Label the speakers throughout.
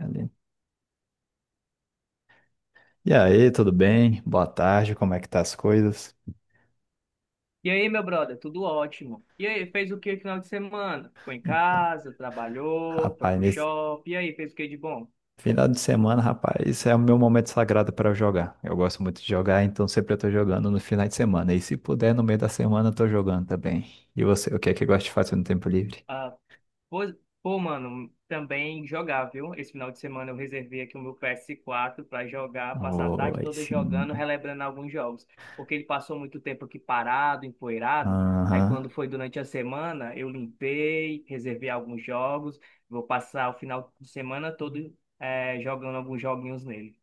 Speaker 1: Ali. E aí, tudo bem? Boa tarde, como é que tá as coisas?
Speaker 2: E aí, meu brother, tudo ótimo. E aí, fez o que no final de semana? Ficou em
Speaker 1: Então,
Speaker 2: casa, trabalhou, foi
Speaker 1: rapaz,
Speaker 2: pro
Speaker 1: nesse
Speaker 2: shopping. E aí, fez o que de bom?
Speaker 1: final de semana, rapaz, isso é o meu momento sagrado para jogar. Eu gosto muito de jogar, então sempre eu tô jogando no final de semana. E se puder, no meio da semana eu tô jogando também. E você, o que é que gosta de fazer no tempo livre?
Speaker 2: Ah, pois- pô, mano, também jogar, viu? Esse final de semana eu reservei aqui o meu PS4 pra jogar, passar a tarde
Speaker 1: Oi,
Speaker 2: toda jogando,
Speaker 1: sim.
Speaker 2: relembrando alguns jogos. Porque ele passou muito tempo aqui parado, empoeirado. Aí,
Speaker 1: Aham.
Speaker 2: quando foi durante a semana, eu limpei, reservei alguns jogos. Vou passar o final de semana todo, jogando alguns joguinhos nele.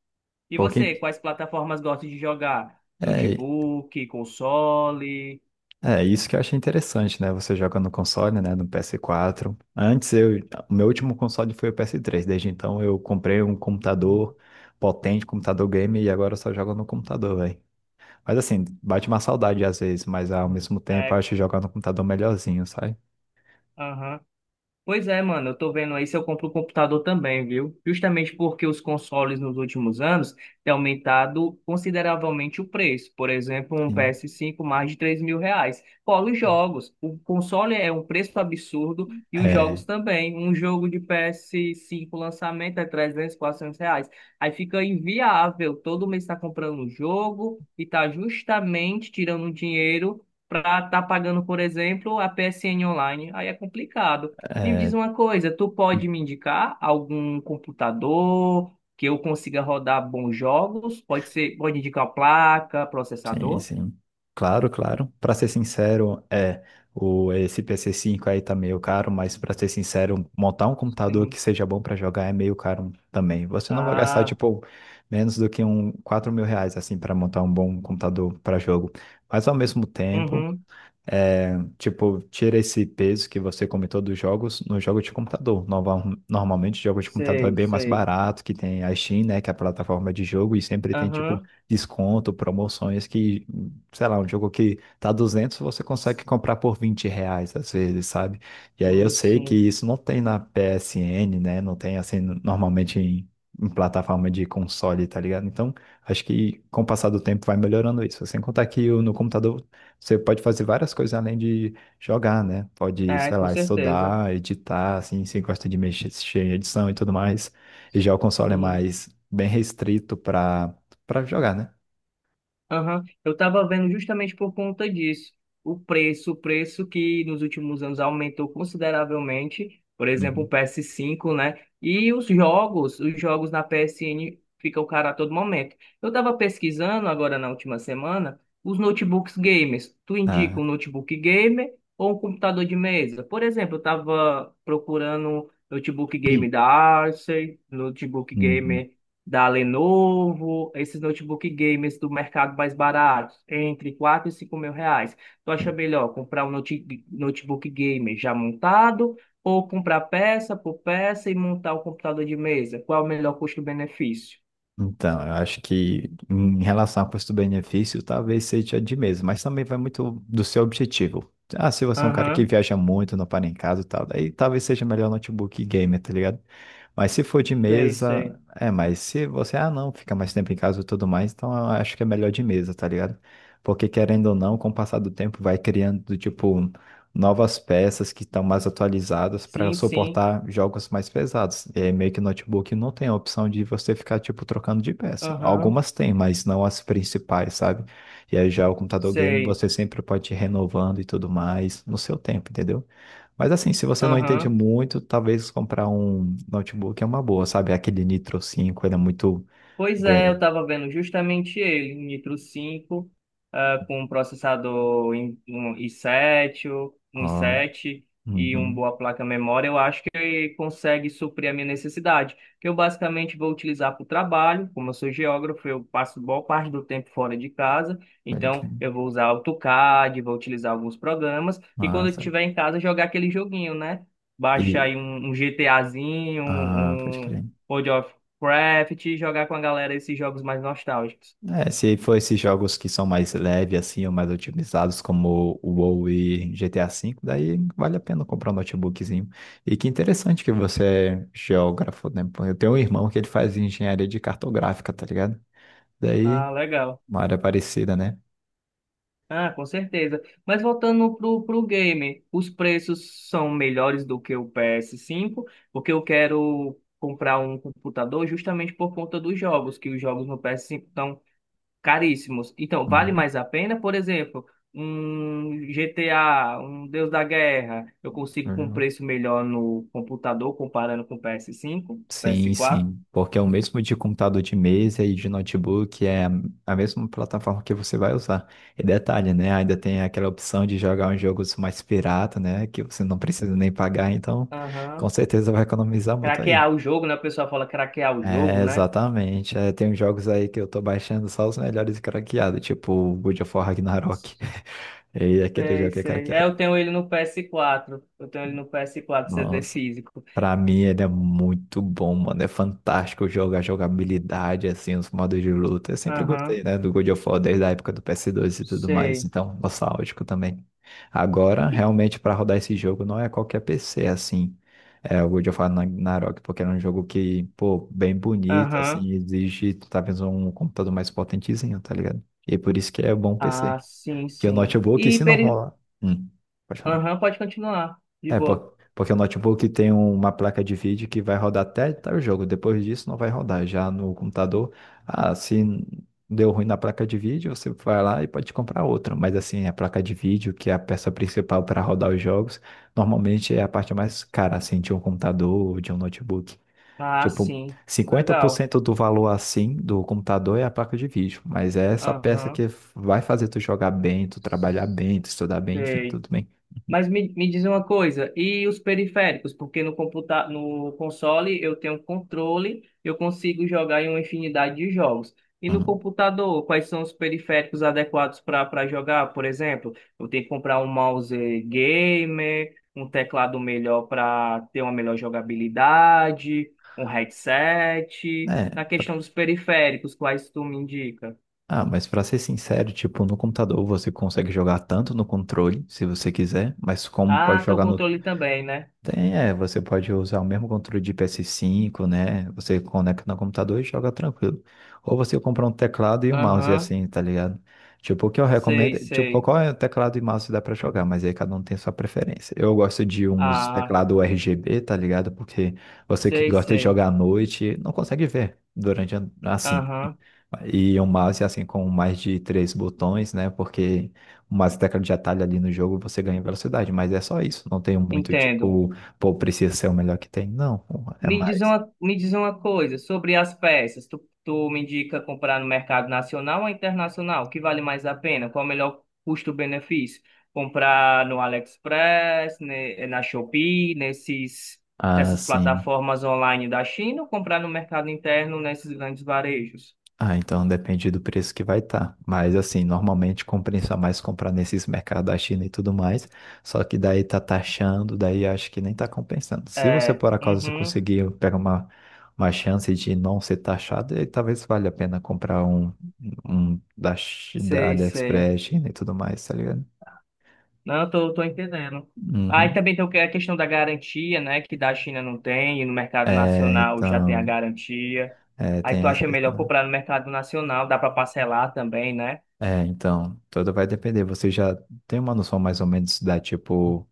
Speaker 2: E
Speaker 1: Pouquinho.
Speaker 2: você, quais plataformas gosta de jogar?
Speaker 1: É,
Speaker 2: Notebook, console?
Speaker 1: É, isso que eu achei interessante, né? Você joga no console, né? No PS4. Antes, o meu último console foi o PS3. Desde então, eu comprei um computador potente, computador game, e agora eu só jogo no computador, velho. Mas assim, bate uma saudade às vezes, mas ao mesmo tempo, eu
Speaker 2: É,
Speaker 1: acho jogar no computador melhorzinho, sabe?
Speaker 2: aham. Pois é, mano, eu tô vendo aí se eu compro o computador também, viu? Justamente porque os consoles nos últimos anos têm aumentado consideravelmente o preço. Por exemplo, um
Speaker 1: Sim.
Speaker 2: PS5 mais de 3 mil reais. Fora os jogos. O console é um preço absurdo e os
Speaker 1: É,
Speaker 2: jogos também. Um jogo de PS5 lançamento é 300, 400 reais. Aí fica inviável. Todo mês tá comprando um jogo e tá justamente tirando dinheiro. Para estar tá pagando, por exemplo, a PSN online, aí é complicado. Me diz
Speaker 1: é.
Speaker 2: uma coisa, tu pode me indicar algum computador que eu consiga rodar bons jogos? Pode ser, pode indicar placa,
Speaker 1: Sim,
Speaker 2: processador?
Speaker 1: sim. Claro, claro. Para ser sincero, é o esse pc cinco aí tá meio caro, mas para ser sincero, montar um computador que
Speaker 2: Sim.
Speaker 1: seja bom para jogar é meio caro também. Você não vai gastar
Speaker 2: Ah,
Speaker 1: tipo menos do que um R$ 4 mil assim para montar um bom computador para jogo. Mas ao mesmo tempo
Speaker 2: uhum,
Speaker 1: é, tipo, tira esse peso que você comentou dos jogos no jogo de computador. Normalmente, jogo de computador é
Speaker 2: sei,
Speaker 1: bem mais
Speaker 2: sei.
Speaker 1: barato, que tem a Steam, né, que é a plataforma de jogo, e sempre tem, tipo,
Speaker 2: Aham,
Speaker 1: desconto, promoções que, sei lá, um jogo que tá 200 você consegue comprar por R$ 20, às vezes, sabe? E aí eu
Speaker 2: sim,
Speaker 1: sei que
Speaker 2: sim.
Speaker 1: isso não tem na PSN, né, não tem, assim, normalmente em plataforma de console, tá ligado? Então, acho que com o passar do tempo vai melhorando isso. Sem contar que no computador você pode fazer várias coisas além de jogar, né? Pode,
Speaker 2: É,
Speaker 1: sei
Speaker 2: com
Speaker 1: lá,
Speaker 2: certeza.
Speaker 1: estudar, editar, assim, se gosta de mexer em edição e tudo mais. E já o console é
Speaker 2: Sim.
Speaker 1: mais bem restrito para jogar, né?
Speaker 2: Aham, eu estava vendo justamente por conta disso. O preço que nos últimos anos aumentou consideravelmente, por exemplo, o
Speaker 1: Uhum.
Speaker 2: PS5, né? E os jogos na PSN ficam caros a todo momento. Eu estava pesquisando agora na última semana os notebooks gamers. Tu
Speaker 1: Ah.
Speaker 2: indica um notebook gamer ou um computador de mesa? Por exemplo, eu estava procurando notebook game
Speaker 1: Sim.
Speaker 2: da Acer, notebook
Speaker 1: Uhum.
Speaker 2: gamer da Lenovo, esses notebook gamers do mercado mais baratos, entre 4 e 5 mil reais. Tu acha melhor comprar um notebook gamer já montado ou comprar peça por peça e montar o computador de mesa? Qual é o melhor custo-benefício?
Speaker 1: Então, eu acho que em relação ao custo-benefício, talvez seja de mesmo, mas também vai muito do seu objetivo. Ah, se você é um cara que
Speaker 2: Aham,
Speaker 1: viaja muito, não para em casa e tal, daí talvez seja melhor notebook gamer, tá ligado? Mas se for de
Speaker 2: sei,
Speaker 1: mesa,
Speaker 2: sei.
Speaker 1: mas se você, não, fica mais tempo em casa e tudo mais, então eu acho que é melhor de mesa, tá ligado? Porque querendo ou não, com o passar do tempo vai criando, tipo, novas peças que estão mais atualizadas para
Speaker 2: Sim, sim.
Speaker 1: suportar jogos mais pesados. É meio que notebook não tem a opção de você ficar tipo trocando de peça.
Speaker 2: Aham,
Speaker 1: Algumas tem, mas não as principais, sabe? E aí já o computador game
Speaker 2: sei.
Speaker 1: você sempre pode ir renovando e tudo mais no seu tempo, entendeu? Mas assim, se você não entende
Speaker 2: Aham.
Speaker 1: muito, talvez comprar um notebook é uma boa, sabe? Aquele Nitro 5 ele é muito
Speaker 2: Pois é, eu
Speaker 1: bem.
Speaker 2: estava vendo justamente ele, um Nitro 5 com um processador um i7, um
Speaker 1: Ó,
Speaker 2: i7 e uma
Speaker 1: uhum,
Speaker 2: boa placa memória, eu acho que consegue suprir a minha necessidade, que eu basicamente vou utilizar para o trabalho, como eu sou geógrafo, eu passo boa parte do tempo fora de casa,
Speaker 1: pode crer.
Speaker 2: então eu vou usar AutoCAD, vou utilizar alguns programas, e quando eu
Speaker 1: Massa.
Speaker 2: estiver em casa, jogar aquele joguinho, né? Baixa
Speaker 1: E,
Speaker 2: aí um GTAzinho,
Speaker 1: pode
Speaker 2: um
Speaker 1: crer.
Speaker 2: Craft, jogar com a galera esses jogos mais nostálgicos.
Speaker 1: É, se for esses jogos que são mais leves, assim, ou mais otimizados, como o WoW e GTA V, daí vale a pena comprar um notebookzinho. E que interessante que você é geógrafo, né? Pô, eu tenho um irmão que ele faz engenharia de cartográfica, tá ligado? Daí,
Speaker 2: Ah, legal.
Speaker 1: uma área parecida, né?
Speaker 2: Ah, com certeza. Mas voltando pro game, os preços são melhores do que o PS5, porque eu quero comprar um computador justamente por conta dos jogos, que os jogos no PS5 estão caríssimos. Então, vale
Speaker 1: Uhum.
Speaker 2: mais a pena, por exemplo, um GTA, um Deus da Guerra, eu consigo com um
Speaker 1: É.
Speaker 2: preço melhor no computador comparando com o PS5, ps
Speaker 1: Sim,
Speaker 2: quatro.
Speaker 1: sim, porque é o mesmo de computador de mesa e de notebook, é a mesma plataforma que você vai usar. E detalhe, né? Ainda tem aquela opção de jogar uns jogos mais pirata, né? Que você não precisa nem pagar, então com
Speaker 2: Aham.
Speaker 1: certeza vai economizar muito aí.
Speaker 2: Craquear o jogo, né? O pessoal fala craquear o jogo,
Speaker 1: É,
Speaker 2: né?
Speaker 1: exatamente. É, tem uns jogos aí que eu tô baixando só os melhores craqueados, tipo God of War Ragnarok. E aquele jogo
Speaker 2: Sei,
Speaker 1: que é
Speaker 2: sei. É,
Speaker 1: craqueado.
Speaker 2: eu tenho ele no PS4. Eu tenho ele no PS4, CD
Speaker 1: Nossa.
Speaker 2: físico.
Speaker 1: Pra mim ele é muito bom, mano. É fantástico jogar a jogabilidade, assim, os modos de luta. Eu sempre
Speaker 2: Aham,
Speaker 1: gostei, né, do God of War desde a época do PS2 e tudo mais.
Speaker 2: sei.
Speaker 1: Então, nostálgico também. Agora,
Speaker 2: E-
Speaker 1: realmente, pra rodar esse jogo não é qualquer PC, assim. É o God of War Ragnarok, porque era um jogo que, pô, bem bonito,
Speaker 2: Aham.
Speaker 1: assim, exige talvez um computador mais potentezinho, tá ligado? E é por isso que é bom PC.
Speaker 2: Ah, sim,
Speaker 1: Que o
Speaker 2: sim.
Speaker 1: notebook, se não rolar. Hum, pode falar.
Speaker 2: Aham, pode continuar. De
Speaker 1: É,
Speaker 2: boa.
Speaker 1: porque o notebook tem uma placa de vídeo que vai rodar até tal jogo. Depois disso não vai rodar. Já no computador, se deu ruim na placa de vídeo, você vai lá e pode comprar outra. Mas assim, a placa de vídeo, que é a peça principal para rodar os jogos, normalmente é a parte mais cara, assim, de um computador ou de um notebook.
Speaker 2: Ah,
Speaker 1: Tipo,
Speaker 2: sim.
Speaker 1: cinquenta por
Speaker 2: Legal.
Speaker 1: cento do valor assim do computador é a placa de vídeo. Mas é essa peça
Speaker 2: Aham,
Speaker 1: que vai fazer tu jogar bem, tu trabalhar bem, tu estudar bem, enfim,
Speaker 2: sei.
Speaker 1: tudo bem.
Speaker 2: Mas me diz uma coisa, e os periféricos? Porque no console eu tenho controle, eu consigo jogar em uma infinidade de jogos. E no
Speaker 1: Uhum.
Speaker 2: computador, quais são os periféricos adequados para jogar? Por exemplo, eu tenho que comprar um mouse gamer, um teclado melhor para ter uma melhor jogabilidade, um headset.
Speaker 1: É,
Speaker 2: Na questão dos periféricos, quais tu me indica?
Speaker 1: Ah, mas pra ser sincero, tipo, no computador você consegue jogar tanto no controle, se você quiser, mas como pode
Speaker 2: Ah, tem o
Speaker 1: jogar no
Speaker 2: controle também, né?
Speaker 1: tem, você pode usar o mesmo controle de PS5, né? Você conecta no computador e joga tranquilo. Ou você compra um teclado e um mouse
Speaker 2: Aham,
Speaker 1: assim, tá ligado? Tipo, o que eu recomendo,
Speaker 2: sei,
Speaker 1: tipo,
Speaker 2: sei.
Speaker 1: qual é o teclado e mouse que dá pra jogar, mas aí cada um tem sua preferência. Eu gosto de uns
Speaker 2: Ah,
Speaker 1: teclado RGB, tá ligado? Porque você que
Speaker 2: sei,
Speaker 1: gosta de
Speaker 2: sei.
Speaker 1: jogar à noite não consegue ver durante assim.
Speaker 2: Aham,
Speaker 1: E um mouse assim com mais de três botões, né? Porque o mouse e teclado de atalho ali no jogo você ganha velocidade, mas é só isso. Não tem muito
Speaker 2: entendo.
Speaker 1: tipo. Pô, precisa ser o melhor que tem? Não, pô, é
Speaker 2: Me diz
Speaker 1: mais.
Speaker 2: uma coisa sobre as peças. Tu me indica comprar no mercado nacional ou internacional? O que vale mais a pena? Qual é o melhor custo-benefício? Comprar no AliExpress, na Shopee, nesses,
Speaker 1: Ah,
Speaker 2: nessas
Speaker 1: sim.
Speaker 2: plataformas online da China ou comprar no mercado interno nesses grandes varejos?
Speaker 1: Ah, então depende do preço que vai estar. Mas assim, normalmente compensa mais comprar nesses mercados da China e tudo mais. Só que daí tá taxando, daí acho que nem tá compensando. Se você
Speaker 2: É,
Speaker 1: por acaso
Speaker 2: uhum,
Speaker 1: conseguir pegar uma, chance de não ser taxado, aí talvez valha a pena comprar um da
Speaker 2: sei, sei.
Speaker 1: AliExpress, China e tudo mais, tá ligado?
Speaker 2: Não, eu tô entendendo. Aí
Speaker 1: Uhum.
Speaker 2: também tem a questão da garantia, né? Que da China não tem, e no mercado
Speaker 1: É,
Speaker 2: nacional já tem a
Speaker 1: então,
Speaker 2: garantia. Aí
Speaker 1: tem
Speaker 2: tu
Speaker 1: essa
Speaker 2: acha
Speaker 1: questão,
Speaker 2: melhor
Speaker 1: né?
Speaker 2: comprar no mercado nacional, dá para parcelar também, né?
Speaker 1: É, então, tudo vai depender. Você já tem uma noção mais ou menos da, tipo,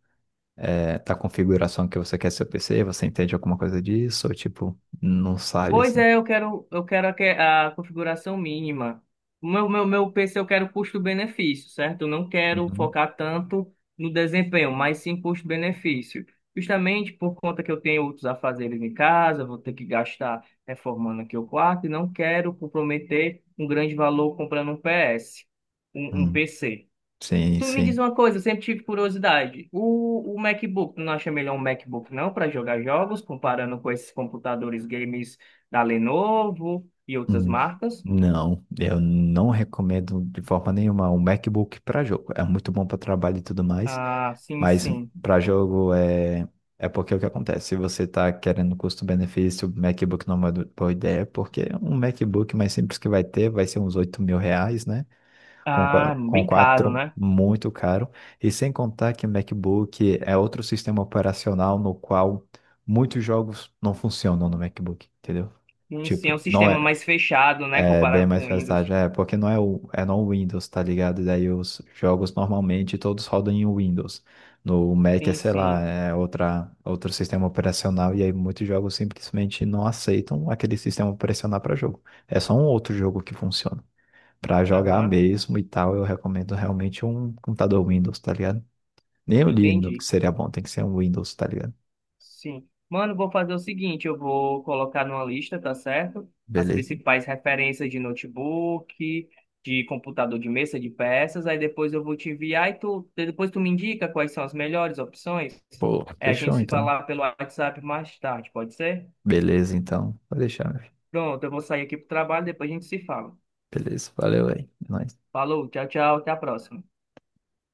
Speaker 1: da configuração que você quer seu PC? Você entende alguma coisa disso? Ou, tipo, não sabe,
Speaker 2: Pois
Speaker 1: assim?
Speaker 2: é, eu quero a configuração mínima. O meu PC eu quero custo-benefício, certo? Eu não quero
Speaker 1: Uhum.
Speaker 2: focar tanto no desempenho, mas sim custo-benefício. Justamente por conta que eu tenho outros afazeres em casa, vou ter que gastar reformando aqui o quarto e não quero comprometer um grande valor comprando um PS, um
Speaker 1: Hum,
Speaker 2: PC.
Speaker 1: sim,
Speaker 2: Tu me diz
Speaker 1: sim.
Speaker 2: uma coisa, eu sempre tive curiosidade. O MacBook, tu não acha melhor um MacBook não para jogar jogos, comparando com esses computadores games da Lenovo e outras
Speaker 1: Hum.
Speaker 2: marcas?
Speaker 1: Não, eu não recomendo de forma nenhuma um MacBook para jogo. É muito bom para trabalho e tudo mais,
Speaker 2: Ah, sim,
Speaker 1: mas
Speaker 2: sim.
Speaker 1: para jogo é porque é o que acontece? Se você está querendo custo-benefício, o MacBook não é uma boa ideia, porque um MacBook mais simples que vai ser uns R$ 8 mil, né? Com,
Speaker 2: Ah,
Speaker 1: qua- com
Speaker 2: bem caro,
Speaker 1: quatro,
Speaker 2: né?
Speaker 1: muito caro. E sem contar que o MacBook é outro sistema operacional no qual muitos jogos não funcionam no MacBook, entendeu?
Speaker 2: Sim, sim, é um
Speaker 1: Tipo, não
Speaker 2: sistema
Speaker 1: é,
Speaker 2: mais fechado, né,
Speaker 1: bem
Speaker 2: comparado
Speaker 1: mais
Speaker 2: com o Windows.
Speaker 1: versátil, porque não é, é no Windows, tá ligado? E daí os jogos normalmente todos rodam em Windows. No Mac é,
Speaker 2: Sim,
Speaker 1: sei lá,
Speaker 2: sim.
Speaker 1: outro sistema operacional, e aí muitos jogos simplesmente não aceitam aquele sistema operacional para jogo. É só um outro jogo que funciona. Para jogar
Speaker 2: Aham,
Speaker 1: mesmo e tal, eu recomendo realmente um computador Windows, tá ligado? Nem o
Speaker 2: entendi.
Speaker 1: Linux seria bom, tem que ser um Windows, tá ligado?
Speaker 2: Sim. Mano, vou fazer o seguinte, eu vou colocar numa lista, tá certo? As
Speaker 1: Beleza?
Speaker 2: principais referências de notebook, de computador de mesa, de peças, aí depois eu vou te enviar e tu, depois tu me indica quais são as melhores opções.
Speaker 1: Pô,
Speaker 2: É, a gente
Speaker 1: fechou
Speaker 2: se
Speaker 1: então.
Speaker 2: falar pelo WhatsApp mais tarde, pode ser?
Speaker 1: Beleza então, vou deixar, meu filho.
Speaker 2: Pronto, eu vou sair aqui pro trabalho, depois a gente se fala.
Speaker 1: Beleza, valeu aí. É nóis.
Speaker 2: Falou, tchau, tchau, até a próxima.